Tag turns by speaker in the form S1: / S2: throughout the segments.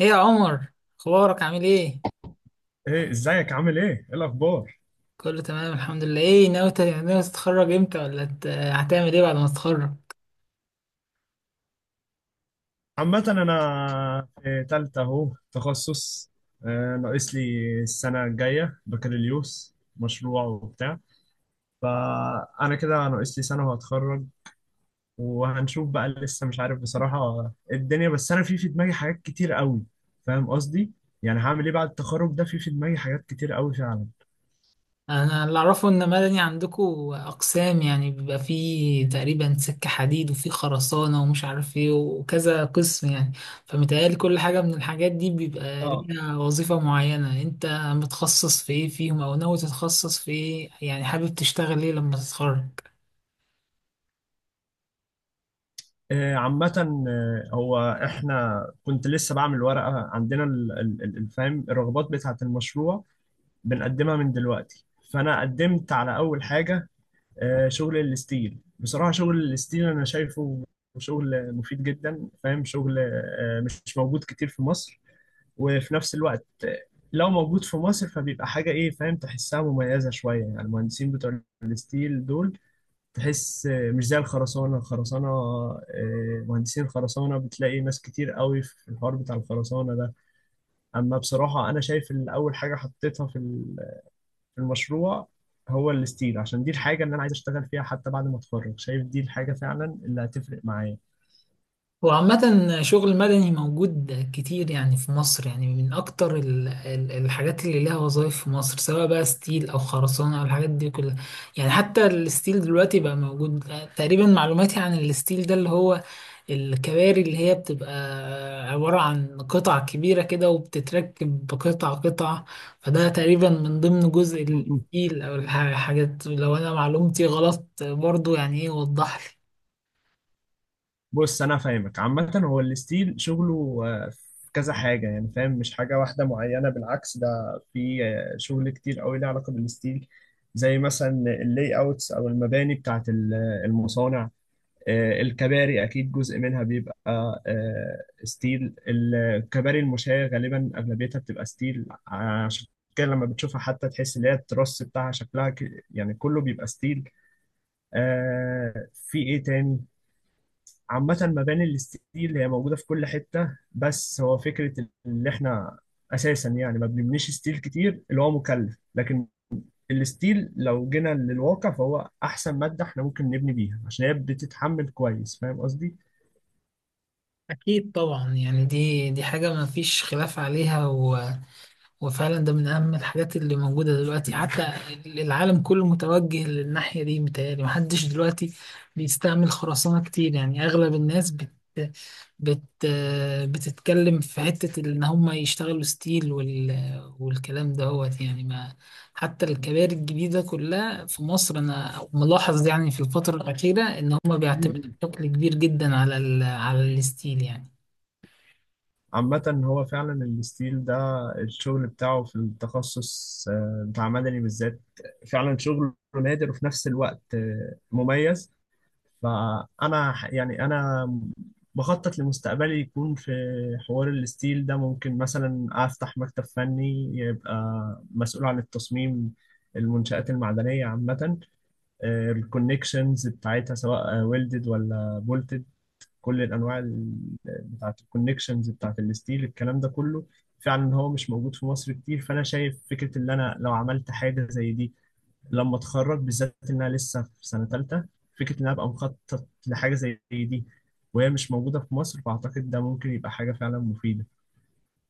S1: ايه يا عمر، اخبارك عامل ايه؟
S2: ايه، ازيك عامل ايه؟ ايه الاخبار؟
S1: كله تمام الحمد لله. ايه ناوي ناوي تتخرج امتى، ولا هتعمل ايه بعد ما تتخرج؟
S2: عامة انا في تالتة اهو تخصص. ناقص لي السنة الجاية بكالوريوس مشروع وبتاع. فانا كده ناقص لي سنة وهتخرج وهنشوف بقى. لسه مش عارف بصراحة الدنيا، بس انا في دماغي حاجات كتير قوي. فاهم قصدي؟ يعني هعمل ايه بعد التخرج ده؟ في دماغي حاجات كتير قوي فعلا.
S1: انا اللي اعرفه ان مدني عندكو اقسام، يعني بيبقى فيه تقريبا سكة حديد وفيه خرسانة ومش عارف ايه وكذا قسم يعني. فمتهيألي كل حاجة من الحاجات دي بيبقى
S2: اه.
S1: ليها وظيفة معينة. انت متخصص في ايه فيهم او ناوي تتخصص في ايه؟ يعني حابب تشتغل ايه لما تتخرج؟
S2: عامة، هو احنا كنت لسه بعمل ورقة. عندنا الفهم الرغبات بتاعة المشروع، بنقدمها من دلوقتي. فانا قدمت على اول حاجه، شغل الستيل. بصراحه شغل الستيل انا شايفه شغل مفيد جدا، فاهم؟ شغل مش موجود كتير في مصر، وفي نفس الوقت لو موجود في مصر فبيبقى حاجه ايه، فاهم؟ تحسها مميزه شويه. يعني المهندسين بتوع الستيل دول تحس مش زي الخرسانه، مهندسين الخرسانه بتلاقي ناس كتير قوي في الحوار بتاع الخرسانه ده. اما بصراحه انا شايف ان اول حاجه حطيتها في المشروع هو الستيل، عشان دي الحاجة اللي أنا عايز أشتغل فيها حتى بعد ما أتخرج. شايف دي الحاجة فعلا اللي هتفرق معايا.
S1: هو عامة شغل مدني موجود كتير يعني في مصر، يعني من أكتر الحاجات اللي لها وظائف في مصر، سواء بقى ستيل أو خرسانة أو الحاجات دي كلها. يعني حتى الستيل دلوقتي بقى موجود. تقريبا معلوماتي عن الستيل ده اللي هو الكباري، اللي هي بتبقى عبارة عن قطع كبيرة كده وبتتركب قطعة قطعة. فده تقريبا من ضمن جزء
S2: م- م.
S1: الستيل أو الحاجات، لو أنا معلومتي غلط برضو يعني إيه وضح.
S2: بص أنا فاهمك. عامة هو الستيل شغله في كذا حاجة، يعني فاهم؟ مش حاجة واحدة معينة، بالعكس. ده في شغل كتير قوي ليه علاقة بالستيل، زي مثلا اللي اوتس أو المباني بتاعت المصانع. الكباري اكيد جزء منها بيبقى ستيل. الكباري المشاة غالبا اغلبيتها بتبقى ستيل، عشان كده لما بتشوفها حتى تحس ان هي التروس بتاعها شكلها يعني كله بيبقى ستيل. في ايه تاني؟ عامة مباني الستيل هي موجودة في كل حتة، بس هو فكرة اللي احنا اساسا يعني ما بنبنيش ستيل كتير، اللي هو مكلف. لكن الستيل لو جينا للواقع فهو احسن مادة احنا ممكن نبني بيها، عشان هي بتتحمل كويس. فاهم قصدي؟
S1: أكيد طبعا، يعني دي حاجة ما فيش خلاف عليها وفعلا ده من أهم الحاجات اللي موجودة دلوقتي. حتى العالم كله متوجه للناحية دي. متهيألي محدش دلوقتي بيستعمل خرسانة كتير، يعني أغلب الناس بت... بت... بتتكلم في حتة إن هم يشتغلوا ستيل والكلام دهوت يعني ما. حتى الكباري الجديدة كلها في مصر أنا ملاحظ يعني في الفترة الأخيرة إن هم بيعتمدوا
S2: مم.
S1: بشكل كبير جدا على الستيل يعني.
S2: عامة هو فعلا الستيل ده الشغل بتاعه في التخصص بتاع مدني بالذات، فعلا شغل نادر، وفي نفس الوقت مميز. فأنا يعني أنا بخطط لمستقبلي يكون في حوار الستيل ده. ممكن مثلا أفتح مكتب فني، يبقى مسؤول عن التصميم، المنشآت المعدنية عامة، الكونكشنز بتاعتها سواء ويلدد ولا بولتد، كل الانواع بتاعه الكونكشنز بتاعه الستيل. الكلام ده كله فعلا هو مش موجود في مصر كتير. فانا شايف فكره ان انا لو عملت حاجه زي دي لما اتخرج، بالذات انها لسه في سنه ثالثه، فكره ان انا ابقى مخطط لحاجه زي دي وهي مش موجوده في مصر، فاعتقد ده ممكن يبقى حاجه فعلا مفيده.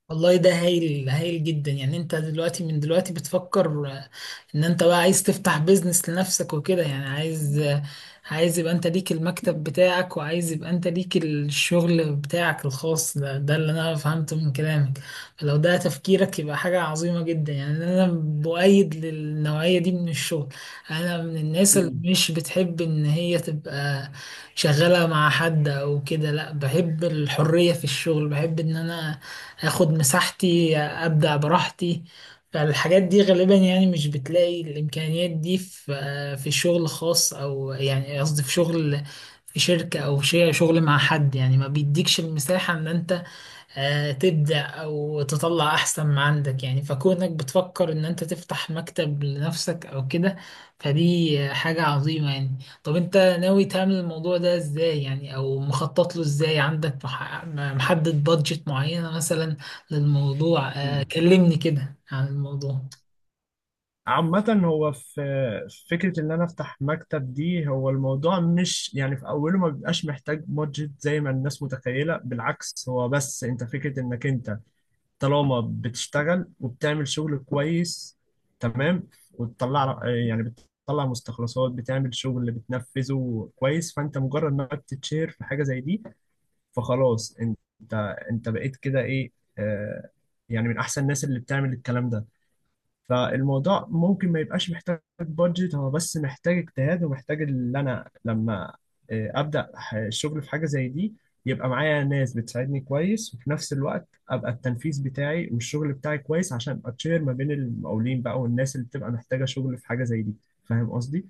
S1: والله ده هايل، هايل جدا. يعني انت دلوقتي من دلوقتي بتفكر ان انت بقى عايز تفتح بيزنس لنفسك وكده، يعني عايز يبقى انت ليك المكتب بتاعك، وعايز يبقى انت ليك الشغل بتاعك الخاص، ده ده اللي انا فهمته من كلامك. فلو ده تفكيرك يبقى حاجة عظيمة جدا. يعني انا بؤيد للنوعية دي من الشغل. انا من الناس اللي
S2: مم.
S1: مش بتحب ان هي تبقى شغالة مع حد او كده. لا، بحب الحرية في الشغل، بحب ان انا اخد مساحتي ابدع براحتي. فالحاجات دي غالبا يعني مش بتلاقي الامكانيات دي في في شغل خاص، او يعني قصدي في شغل في شركة او شيء، شغل مع حد يعني ما بيديكش المساحة ان انت تبدع وتطلع أحسن ما عندك. يعني فكونك بتفكر إن أنت تفتح مكتب لنفسك أو كده، فدي حاجة عظيمة يعني. طب أنت ناوي تعمل الموضوع ده إزاي؟ يعني أو مخطط له إزاي؟ عندك محدد بادجت معينة مثلا للموضوع؟
S2: مم.
S1: كلمني كده عن الموضوع.
S2: عامة هو في فكرة إن أنا أفتح مكتب دي. هو الموضوع مش يعني في أوله ما بيبقاش محتاج بادجت زي ما الناس متخيلة، بالعكس. هو بس أنت فكرة إنك أنت طالما بتشتغل وبتعمل شغل كويس تمام وتطلع، يعني بتطلع مستخلصات، بتعمل شغل اللي بتنفذه كويس، فانت مجرد ما بتتشهر في حاجه زي دي، فخلاص انت، انت بقيت كده ايه، آه يعني من احسن الناس اللي بتعمل الكلام ده. فالموضوع ممكن ما يبقاش محتاج بادجت، هو بس محتاج اجتهاد، ومحتاج ان انا لما ابدا الشغل في حاجه زي دي، يبقى معايا ناس بتساعدني كويس، وفي نفس الوقت ابقى التنفيذ بتاعي والشغل بتاعي كويس، عشان ابقى تشير ما بين المقاولين بقى والناس اللي بتبقى محتاجه شغل في حاجه زي دي. فاهم قصدي؟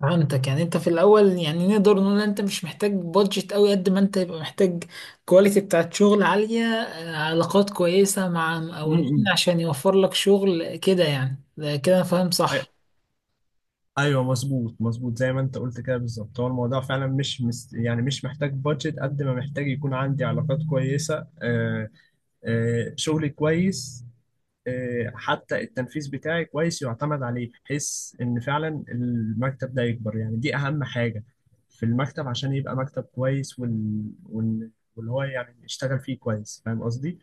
S1: فهمتك. يعني انت في الاول يعني نقدر نقول ان انت مش محتاج بادجت قوي قد ما انت يبقى محتاج كواليتي بتاعت شغل عالية، علاقات كويسة مع مقاولين
S2: امم،
S1: عشان يوفر لك شغل كده يعني. ده كده انا فاهم
S2: أي-
S1: صح؟
S2: ايوه، مظبوط مظبوط زي ما انت قلت كده بالظبط. هو الموضوع فعلا مش يعني مش محتاج بادجت قد ما محتاج يكون عندي علاقات كويسه. شغل كويس، حتى التنفيذ بتاعي كويس يعتمد عليه، بحيث ان فعلا المكتب ده يكبر. يعني دي اهم حاجة في المكتب عشان يبقى مكتب كويس، واللي هو يعني يشتغل فيه كويس. فاهم قصدي؟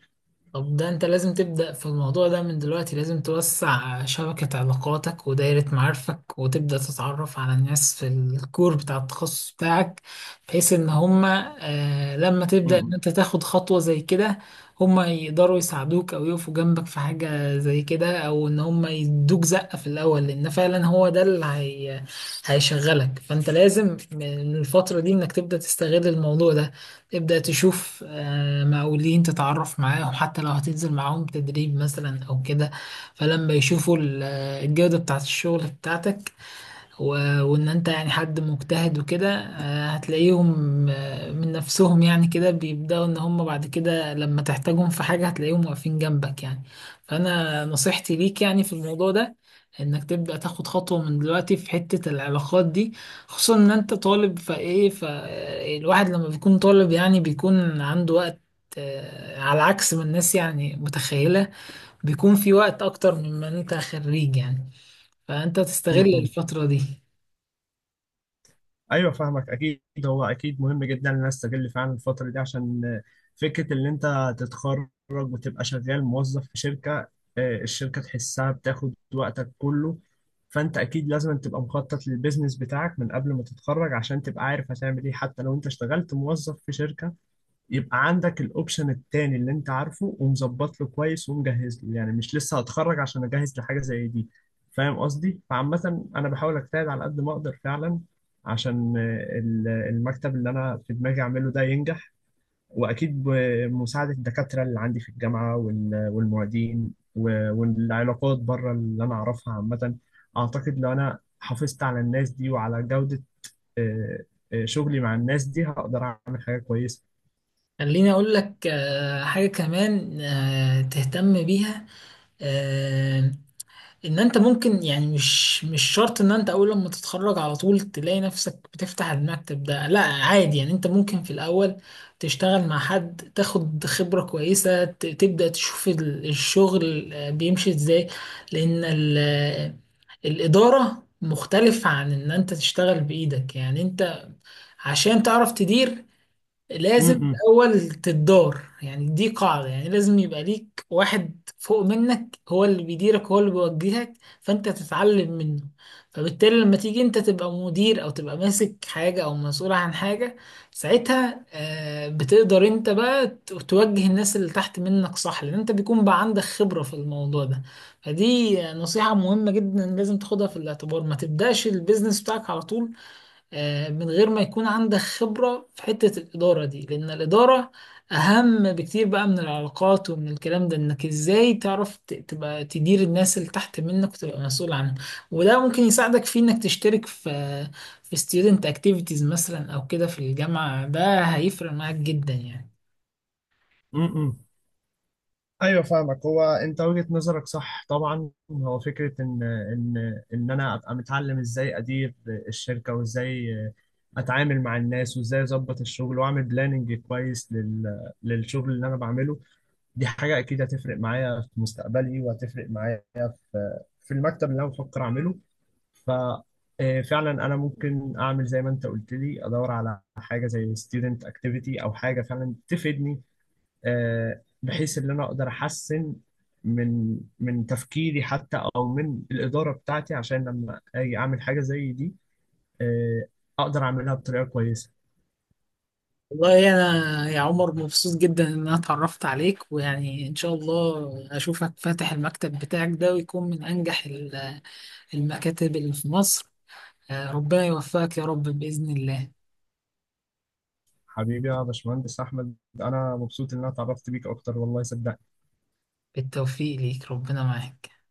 S1: طب ده انت لازم تبدأ في الموضوع ده من دلوقتي، لازم توسع شبكة علاقاتك ودايرة معارفك، وتبدأ تتعرف على الناس في الكور بتاع التخصص بتاعك، بحيث ان هما آه لما
S2: م-
S1: تبدأ ان
S2: م-
S1: انت تاخد خطوة زي كده هما يقدروا يساعدوك او يقفوا جنبك في حاجة زي كده، او ان هما يدوك زقة في الاول، لان فعلا هو ده اللي هي هيشغلك. فانت لازم من الفترة دي انك تبدأ تستغل الموضوع ده، تبدأ تشوف مقاولين تتعرف معاهم، حتى لو هتنزل معاهم تدريب مثلا أو كده. فلما يشوفوا الجودة بتاعة الشغل بتاعتك، وان انت يعني حد مجتهد وكده، هتلاقيهم من نفسهم يعني كده بيبدأوا ان هم بعد كده لما تحتاجهم في حاجة هتلاقيهم واقفين جنبك يعني. فانا نصيحتي ليك يعني في الموضوع ده انك تبدأ تاخد خطوة من دلوقتي في حتة العلاقات دي، خصوصا ان انت طالب فايه. فالواحد لما بيكون طالب يعني بيكون عنده وقت، على عكس ما الناس يعني متخيلة، بيكون في وقت اكتر مما انت خريج يعني. فانت
S2: م-
S1: تستغل
S2: م.
S1: الفترة دي.
S2: ايوه، فاهمك اكيد. هو اكيد مهم جدا ان انا استغل فعلا الفتره دي، عشان فكره ان انت تتخرج وتبقى شغال موظف في شركه. الشركه تحسها بتاخد وقتك كله، فانت اكيد لازم تبقى مخطط للبيزنس بتاعك من قبل ما تتخرج، عشان تبقى عارف هتعمل ايه حتى لو انت اشتغلت موظف في شركه، يبقى عندك الاوبشن التاني اللي انت عارفه ومظبط له كويس ومجهز له، يعني مش لسه هتخرج عشان اجهز لحاجه زي دي. فاهم قصدي؟ فعامه انا بحاول اجتهد على قد ما اقدر فعلا، عشان المكتب اللي انا في دماغي اعمله ده ينجح. واكيد بمساعده الدكاتره اللي عندي في الجامعه والمعيدين والعلاقات بره اللي انا اعرفها عامه. اعتقد لو انا حافظت على الناس دي وعلى جوده، آه، شغلي مع الناس دي هقدر اعمل حاجه كويسه.
S1: خليني أقول لك حاجة كمان تهتم بيها. آه، إن أنت ممكن، يعني مش شرط إن أنت أول لما تتخرج على طول تلاقي نفسك بتفتح المكتب ده، لا عادي. يعني أنت ممكن في الأول تشتغل مع حد، تاخد خبرة كويسة، تبدأ تشوف الشغل بيمشي إزاي، لأن الإدارة مختلف عن إن أنت تشتغل بإيدك. يعني أنت عشان تعرف تدير
S2: م-
S1: لازم
S2: م.
S1: الأول تدار، يعني دي قاعدة. يعني لازم يبقى ليك واحد فوق منك هو اللي بيديرك هو اللي بيوجهك، فأنت تتعلم منه. فبالتالي لما تيجي أنت تبقى مدير أو تبقى ماسك حاجة أو مسؤول عن حاجة، ساعتها بتقدر أنت بقى توجه الناس اللي تحت منك صح، لأن أنت بيكون بقى عندك خبرة في الموضوع ده. فدي نصيحة مهمة جدا لازم تاخدها في الاعتبار، ما تبدأش البيزنس بتاعك على طول من غير ما يكون عندك خبرة في حتة الإدارة دي، لأن الإدارة أهم بكتير بقى من العلاقات ومن الكلام ده. إنك إزاي تعرف تبقى تدير الناس اللي تحت منك وتبقى مسؤول عنهم، وده ممكن يساعدك في إنك تشترك في في student activities مثلا أو كده في الجامعة، ده هيفرق معاك جدا يعني.
S2: امم، ايوه فاهمك. هو انت وجهة نظرك صح طبعا. هو فكرة ان انا ابقى متعلم ازاي ادير الشركة، وازاي اتعامل مع الناس، وازاي اظبط الشغل واعمل بلاننج كويس للشغل اللي انا بعمله. دي حاجة اكيد هتفرق معايا في مستقبلي، وهتفرق معايا في المكتب اللي انا بفكر اعمله. ف آه، فعلا انا ممكن اعمل زي ما انت قلت لي، ادور على حاجه زي student activity او حاجه فعلا تفيدني، بحيث ان انا اقدر احسن من تفكيري، حتى او من الاداره بتاعتي، عشان لما اجي اعمل حاجه زي دي آه، اقدر اعملها بطريقه كويسه.
S1: والله أنا يا عمر مبسوط جدا إن أنا اتعرفت عليك، ويعني إن شاء الله أشوفك فاتح المكتب بتاعك ده ويكون من أنجح المكاتب اللي في مصر. ربنا يوفقك يا رب بإذن الله.
S2: حبيبي يا باشمهندس احمد، انا مبسوط ان انا اتعرفت بيك اكتر والله صدقني.
S1: بالتوفيق ليك، ربنا معاك.